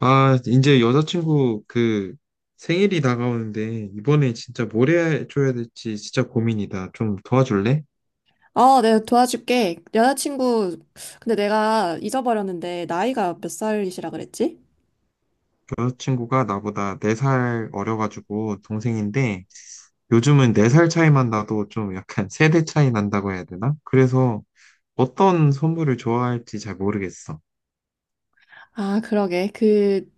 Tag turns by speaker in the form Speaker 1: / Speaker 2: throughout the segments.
Speaker 1: 아, 이제 여자친구 생일이 다가오는데 이번에 진짜 뭘 해줘야 될지 진짜 고민이다. 좀 도와줄래?
Speaker 2: 어, 내가 도와줄게. 여자친구, 근데 내가 잊어버렸는데, 나이가 몇 살이시라 그랬지?
Speaker 1: 여자친구가 나보다 4살 어려가지고 동생인데, 요즘은 4살 차이만 나도 좀 약간 세대 차이 난다고 해야 되나? 그래서 어떤 선물을 좋아할지 잘 모르겠어.
Speaker 2: 아, 그러게. 그,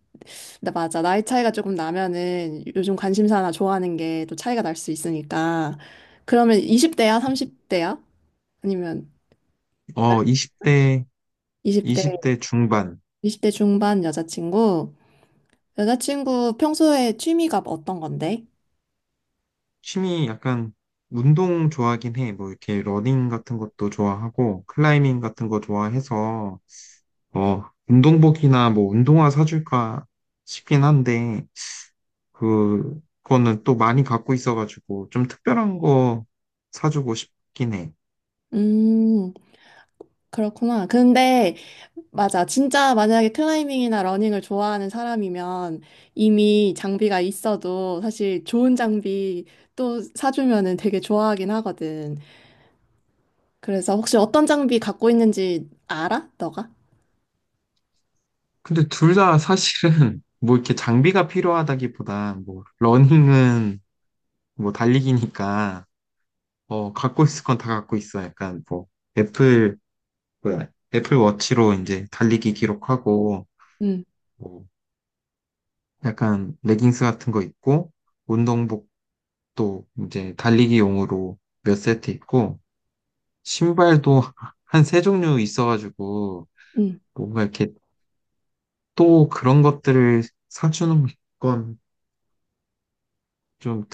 Speaker 2: 나 맞아. 나이 차이가 조금 나면은 요즘 관심사나 좋아하는 게 또 차이가 날 수 있으니까. 그러면 20대야? 30대야? 아니면
Speaker 1: 20대,
Speaker 2: 이십 대
Speaker 1: 20대 중반.
Speaker 2: 20대 중반 여자친구? 여자친구 평소에 취미가 어떤 건데?
Speaker 1: 취미 약간 운동 좋아하긴 해. 뭐 이렇게 러닝 같은 것도 좋아하고 클라이밍 같은 거 좋아해서 운동복이나 뭐 운동화 사줄까 싶긴 한데, 그거는 또 많이 갖고 있어가지고 좀 특별한 거 사주고 싶긴 해.
Speaker 2: 음, 그렇구나. 근데 맞아. 진짜 만약에 클라이밍이나 러닝을 좋아하는 사람이면 이미 장비가 있어도 사실 좋은 장비 또 사주면은 되게 좋아하긴 하거든. 그래서 혹시 어떤 장비 갖고 있는지 알아? 너가?
Speaker 1: 근데 둘 다 사실은 뭐 이렇게 장비가 필요하다기보다 뭐 러닝은 뭐 달리기니까 갖고 있을 건 다 갖고 있어. 약간 뭐 애플, 뭐야, 애플 워치로 이제 달리기 기록하고
Speaker 2: 응,
Speaker 1: 뭐 약간 레깅스 같은 거 입고 운동복도 이제 달리기용으로 몇 세트 입고 신발도 한 세 종류 있어가지고
Speaker 2: 응.
Speaker 1: 뭔가 이렇게 또 그런 것들을 사주는 건 좀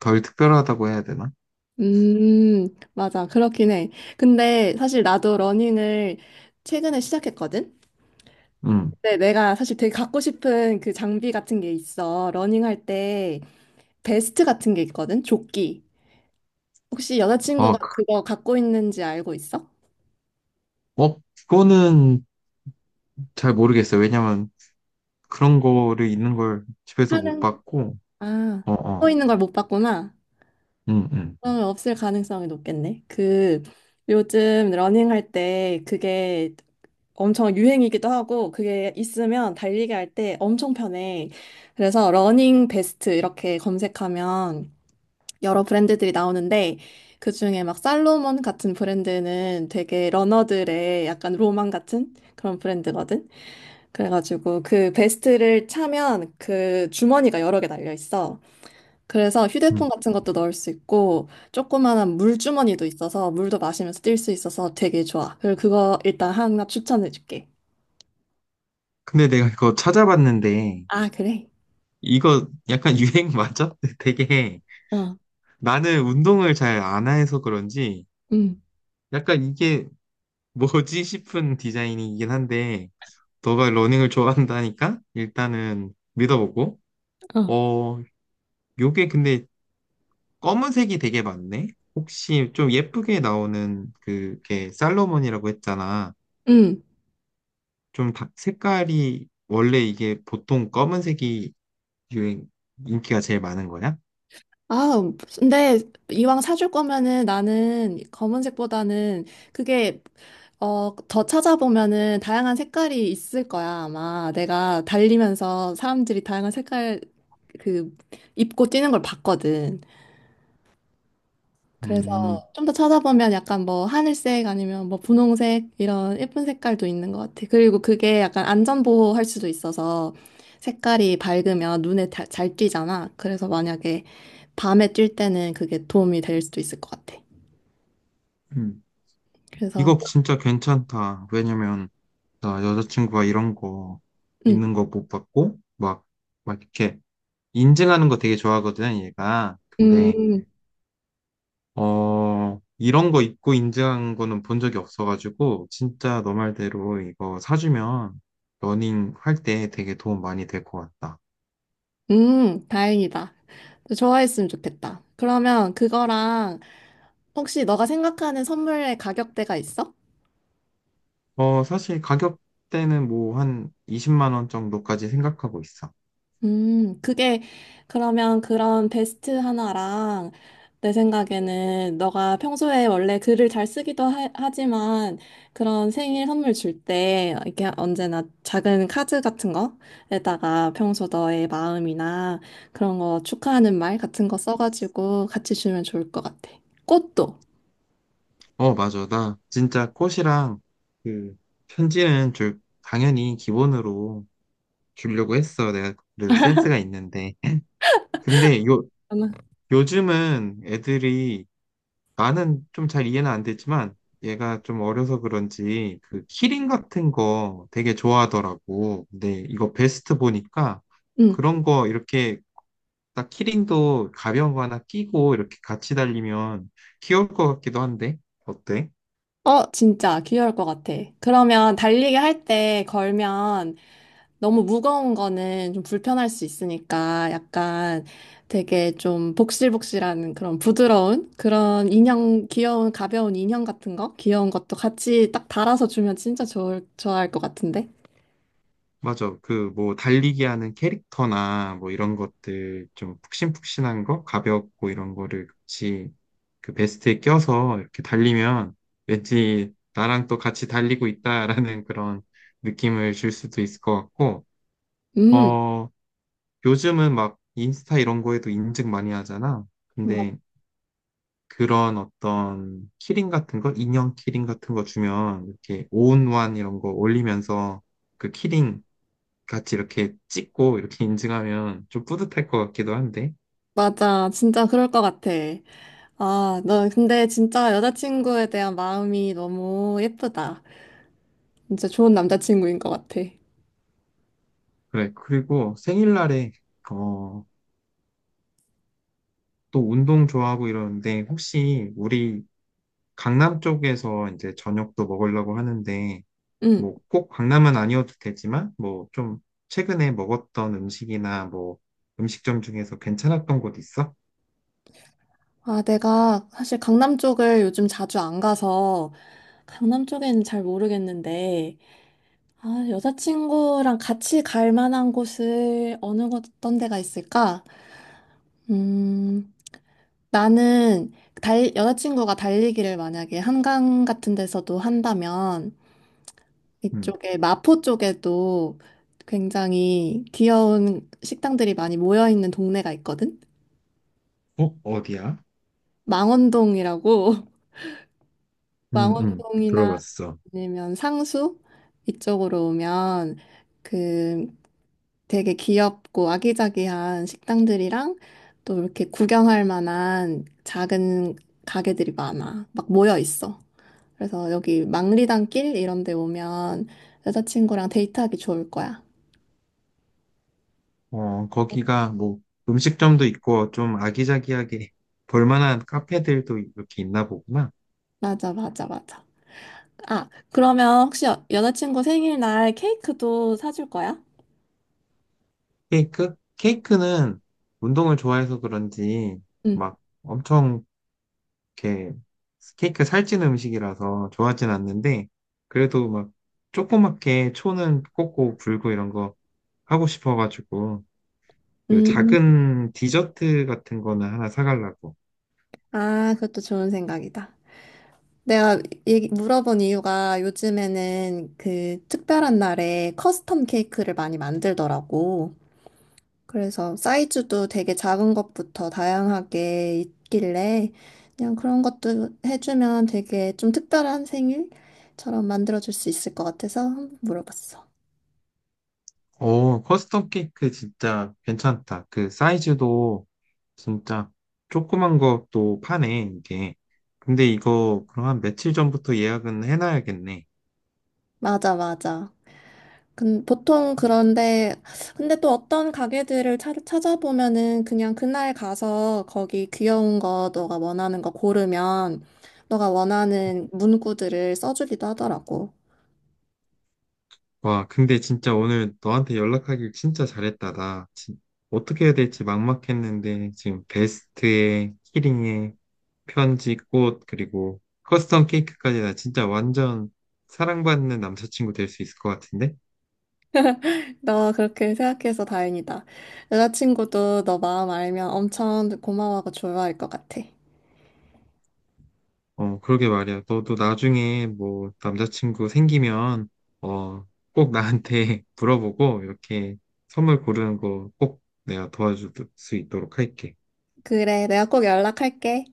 Speaker 1: 덜 특별하다고 해야 되나?
Speaker 2: 음, 맞아. 그렇긴 해. 근데 사실 나도 러닝을 최근에 시작했거든?
Speaker 1: 음.
Speaker 2: 근데 내가 사실 되게 갖고 싶은 그 장비 같은 게 있어. 러닝할 때 베스트 같은 게 있거든? 조끼. 혹시 여자친구가
Speaker 1: 아,
Speaker 2: 그거 갖고 있는지 알고 있어?
Speaker 1: 어, 그거는 잘 모르겠어요. 왜냐면 그런 거를 있는 걸 집에서 못
Speaker 2: 하는,
Speaker 1: 봤고,
Speaker 2: 아,
Speaker 1: 어,
Speaker 2: 갖고
Speaker 1: 어,
Speaker 2: 있는 걸 못 봤구나.
Speaker 1: 음, 음,
Speaker 2: 그러면 없을 가능성이 높겠네. 그, 요즘 러닝할 때 그게 엄청 유행이기도 하고, 그게 있으면 달리기 할 때 엄청 편해. 그래서 러닝 베스트 이렇게 검색하면 여러 브랜드들이 나오는데, 그 중에 막 살로몬 같은 브랜드는 되게 러너들의 약간 로망 같은 그런 브랜드거든. 그래가지고 그 베스트를 차면 그 주머니가 여러 개 달려 있어. 그래서 휴대폰
Speaker 1: 음.
Speaker 2: 같은 것도 넣을 수 있고 조그만한 물주머니도 있어서 물도 마시면서 뛸 수 있어서 되게 좋아. 그리고 그거 일단 하나 추천해 줄게.
Speaker 1: 근데 내가 이거 찾아봤는데
Speaker 2: 아, 그래?
Speaker 1: 이거 약간 유행 맞아? 되게
Speaker 2: 어.
Speaker 1: 나는 운동을 잘 안 해서 그런지
Speaker 2: 응.
Speaker 1: 약간 이게 뭐지 싶은 디자인이긴 한데, 너가 러닝을 좋아한다니까 일단은 믿어보고.
Speaker 2: 어.
Speaker 1: 어 요게 근데 검은색이 되게 많네. 혹시 좀 예쁘게 나오는, 그게 살로몬이라고 했잖아,
Speaker 2: 응.
Speaker 1: 좀 색깔이 원래 이게 보통 검은색이 유행 인기가 제일 많은 거야?
Speaker 2: 아, 근데 이왕 사줄 거면은 나는 검은색보다는 그게 더 찾아보면은 다양한 색깔이 있을 거야, 아마. 내가 달리면서 사람들이 다양한 색깔 그 입고 뛰는 걸 봤거든. 그래서
Speaker 1: 음,
Speaker 2: 좀 더 찾아보면 약간 뭐 하늘색 아니면 뭐 분홍색 이런 예쁜 색깔도 있는 것 같아. 그리고 그게 약간 안전보호 할 수도 있어서 색깔이 밝으면 눈에 다- 잘 띄잖아. 그래서 만약에 밤에 뛸 때는 그게 도움이 될 수도 있을 것 같아.
Speaker 1: 음.
Speaker 2: 그래서
Speaker 1: 이거 진짜 괜찮다. 왜냐면 나 여자친구가 이런 거
Speaker 2: 음,
Speaker 1: 있는 거 못 봤고, 막 이렇게 인증하는 거 되게 좋아하거든 얘가. 근데
Speaker 2: 음,
Speaker 1: 이런 거 입고 인증한 거는 본 적이 없어가지고, 진짜 너 말대로 이거 사주면 러닝 할 때 되게 도움 많이 될 것 같다.
Speaker 2: 다행이다. 좋아했으면 좋겠다. 그러면 그거랑 혹시 너가 생각하는 선물의 가격대가 있어?
Speaker 1: 사실 가격대는 뭐 한 20만 원 정도까지 생각하고 있어.
Speaker 2: 그게 그러면 그런 베스트 하나랑 내 생각에는 너가 평소에 원래 글을 잘 쓰기도 하지만 그런 생일 선물 줄 때 이렇게 언제나 작은 카드 같은 거에다가 평소 너의 마음이나 그런 거 축하하는 말 같은 거 써가지고 같이 주면 좋을 것 같아. 꽃도.
Speaker 1: 어 맞아, 나 진짜 꽃이랑 그 편지는 줄 당연히 기본으로 주려고 했어. 내가 그래도 센스가 있는데. 근데 요즘은 애들이, 나는 좀 잘 이해는 안 되지만, 얘가 좀 어려서 그런지 그 키링 같은 거 되게 좋아하더라고. 근데 이거 베스트 보니까
Speaker 2: 응.
Speaker 1: 그런 거 이렇게 딱 키링도 가벼운 거 하나 끼고 이렇게 같이 달리면 귀여울 것 같기도 한데, 어때?
Speaker 2: 어, 진짜 귀여울 것 같아. 그러면 달리기 할 때 걸면 너무 무거운 거는 좀 불편할 수 있으니까 약간 되게 좀 복실복실한 그런 부드러운 그런 인형, 귀여운 가벼운 인형 같은 거, 귀여운 것도 같이 딱 달아서 주면 진짜 좋아할 것 같은데.
Speaker 1: 맞아. 그 뭐 달리기 하는 캐릭터나 뭐 이런 것들, 좀 푹신푹신한 거, 가볍고 이런 거를 같이 그 베스트에 껴서 이렇게 달리면 왠지 나랑 또 같이 달리고 있다라는 그런 느낌을 줄 수도 있을 것 같고,
Speaker 2: 음,
Speaker 1: 어, 요즘은 막 인스타 이런 거에도 인증 많이 하잖아.
Speaker 2: 마-
Speaker 1: 근데 그런 어떤 키링 같은 거, 인형 키링 같은 거 주면, 이렇게 온원 이런 거 올리면서 그 키링 같이 이렇게 찍고 이렇게 인증하면 좀 뿌듯할 것 같기도 한데.
Speaker 2: 맞아. 진짜 그럴 것 같아. 아, 너 근데 진짜 여자친구에 대한 마음이 너무 예쁘다. 진짜 좋은 남자친구인 것 같아.
Speaker 1: 그래. 그리고 생일날에, 어, 또 운동 좋아하고 이러는데, 혹시 우리 강남 쪽에서 이제 저녁도 먹으려고 하는데,
Speaker 2: 음.
Speaker 1: 뭐 꼭 강남은 아니어도 되지만, 뭐 좀 최근에 먹었던 음식이나 뭐 음식점 중에서 괜찮았던 곳 있어?
Speaker 2: 아, 내가 사실 강남 쪽을 요즘 자주 안 가서 강남 쪽에는 잘 모르겠는데, 아, 여자친구랑 같이 갈 만한 곳을 어떤 데가 있을까? 음, 나는 여자친구가 달리기를 만약에 한강 같은 데서도 한다면
Speaker 1: 음.
Speaker 2: 이쪽에 마포 쪽에도 굉장히 귀여운 식당들이 많이 모여 있는 동네가 있거든?
Speaker 1: 어, 어디야?
Speaker 2: 망원동이라고.
Speaker 1: 응응,
Speaker 2: 망원동이나
Speaker 1: 들어봤어.
Speaker 2: 아니면 상수 이쪽으로 오면 그 되게 귀엽고 아기자기한 식당들이랑 또 이렇게 구경할 만한 작은 가게들이 많아. 막 모여 있어. 그래서 여기 망리단길 이런 데 오면 여자친구랑 데이트하기 좋을 거야.
Speaker 1: 어, 거기가 뭐 음식점도 있고 좀 아기자기하게 볼만한 카페들도 이렇게 있나 보구나.
Speaker 2: 맞아. 아, 그러면 혹시 여자친구 생일날 케이크도 사줄 거야?
Speaker 1: 케이크? 케이크는 운동을 좋아해서 그런지
Speaker 2: 응.
Speaker 1: 막 엄청 이렇게, 케이크 살찐 음식이라서 좋아하진 않는데, 그래도 막 조그맣게 초는 꽂고 불고 이런 거 하고 싶어가지고 그
Speaker 2: 음,
Speaker 1: 작은 디저트 같은 거는 하나 사가려고.
Speaker 2: 아, 그것도 좋은 생각이다. 내가 물어본 이유가 요즘에는 그 특별한 날에 커스텀 케이크를 많이 만들더라고. 그래서 사이즈도 되게 작은 것부터 다양하게 있길래 그냥 그런 것도 해주면 되게 좀 특별한 생일처럼 만들어줄 수 있을 것 같아서 한번 물어봤어.
Speaker 1: 오, 커스텀 케이크 진짜 괜찮다. 그 사이즈도 진짜 조그만 것도 파네, 이게. 근데 이거 그럼 한 며칠 전부터 예약은 해놔야겠네.
Speaker 2: 맞아. 보통 그런데, 근데 또 어떤 가게들을 찾아보면은 그냥 그날 가서 거기 귀여운 거, 너가 원하는 거 고르면 너가 원하는 문구들을 써주기도 하더라고.
Speaker 1: 와, 근데 진짜 오늘 너한테 연락하길 진짜 잘했다. 나 어떻게 해야 될지 막막했는데, 지금 베스트에 키링에 편지, 꽃, 그리고 커스텀 케이크까지, 나 진짜 완전 사랑받는 남자친구 될 수 있을 것 같은데?
Speaker 2: 너 그렇게 생각해서 다행이다. 여자친구도 너 마음 알면 엄청 고마워하고 좋아할 것 같아.
Speaker 1: 어, 그러게 말이야. 너도 나중에 뭐 남자친구 생기면 어, 꼭 나한테 물어보고 이렇게 선물 고르는 거 꼭 내가 도와줄 수 있도록 할게.
Speaker 2: 그래, 내가 꼭 연락할게.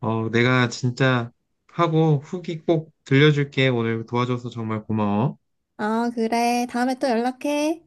Speaker 1: 어, 내가 진짜 하고 후기 꼭 들려줄게. 오늘 도와줘서 정말 고마워.
Speaker 2: 아, 그래. 다음에 또 연락해.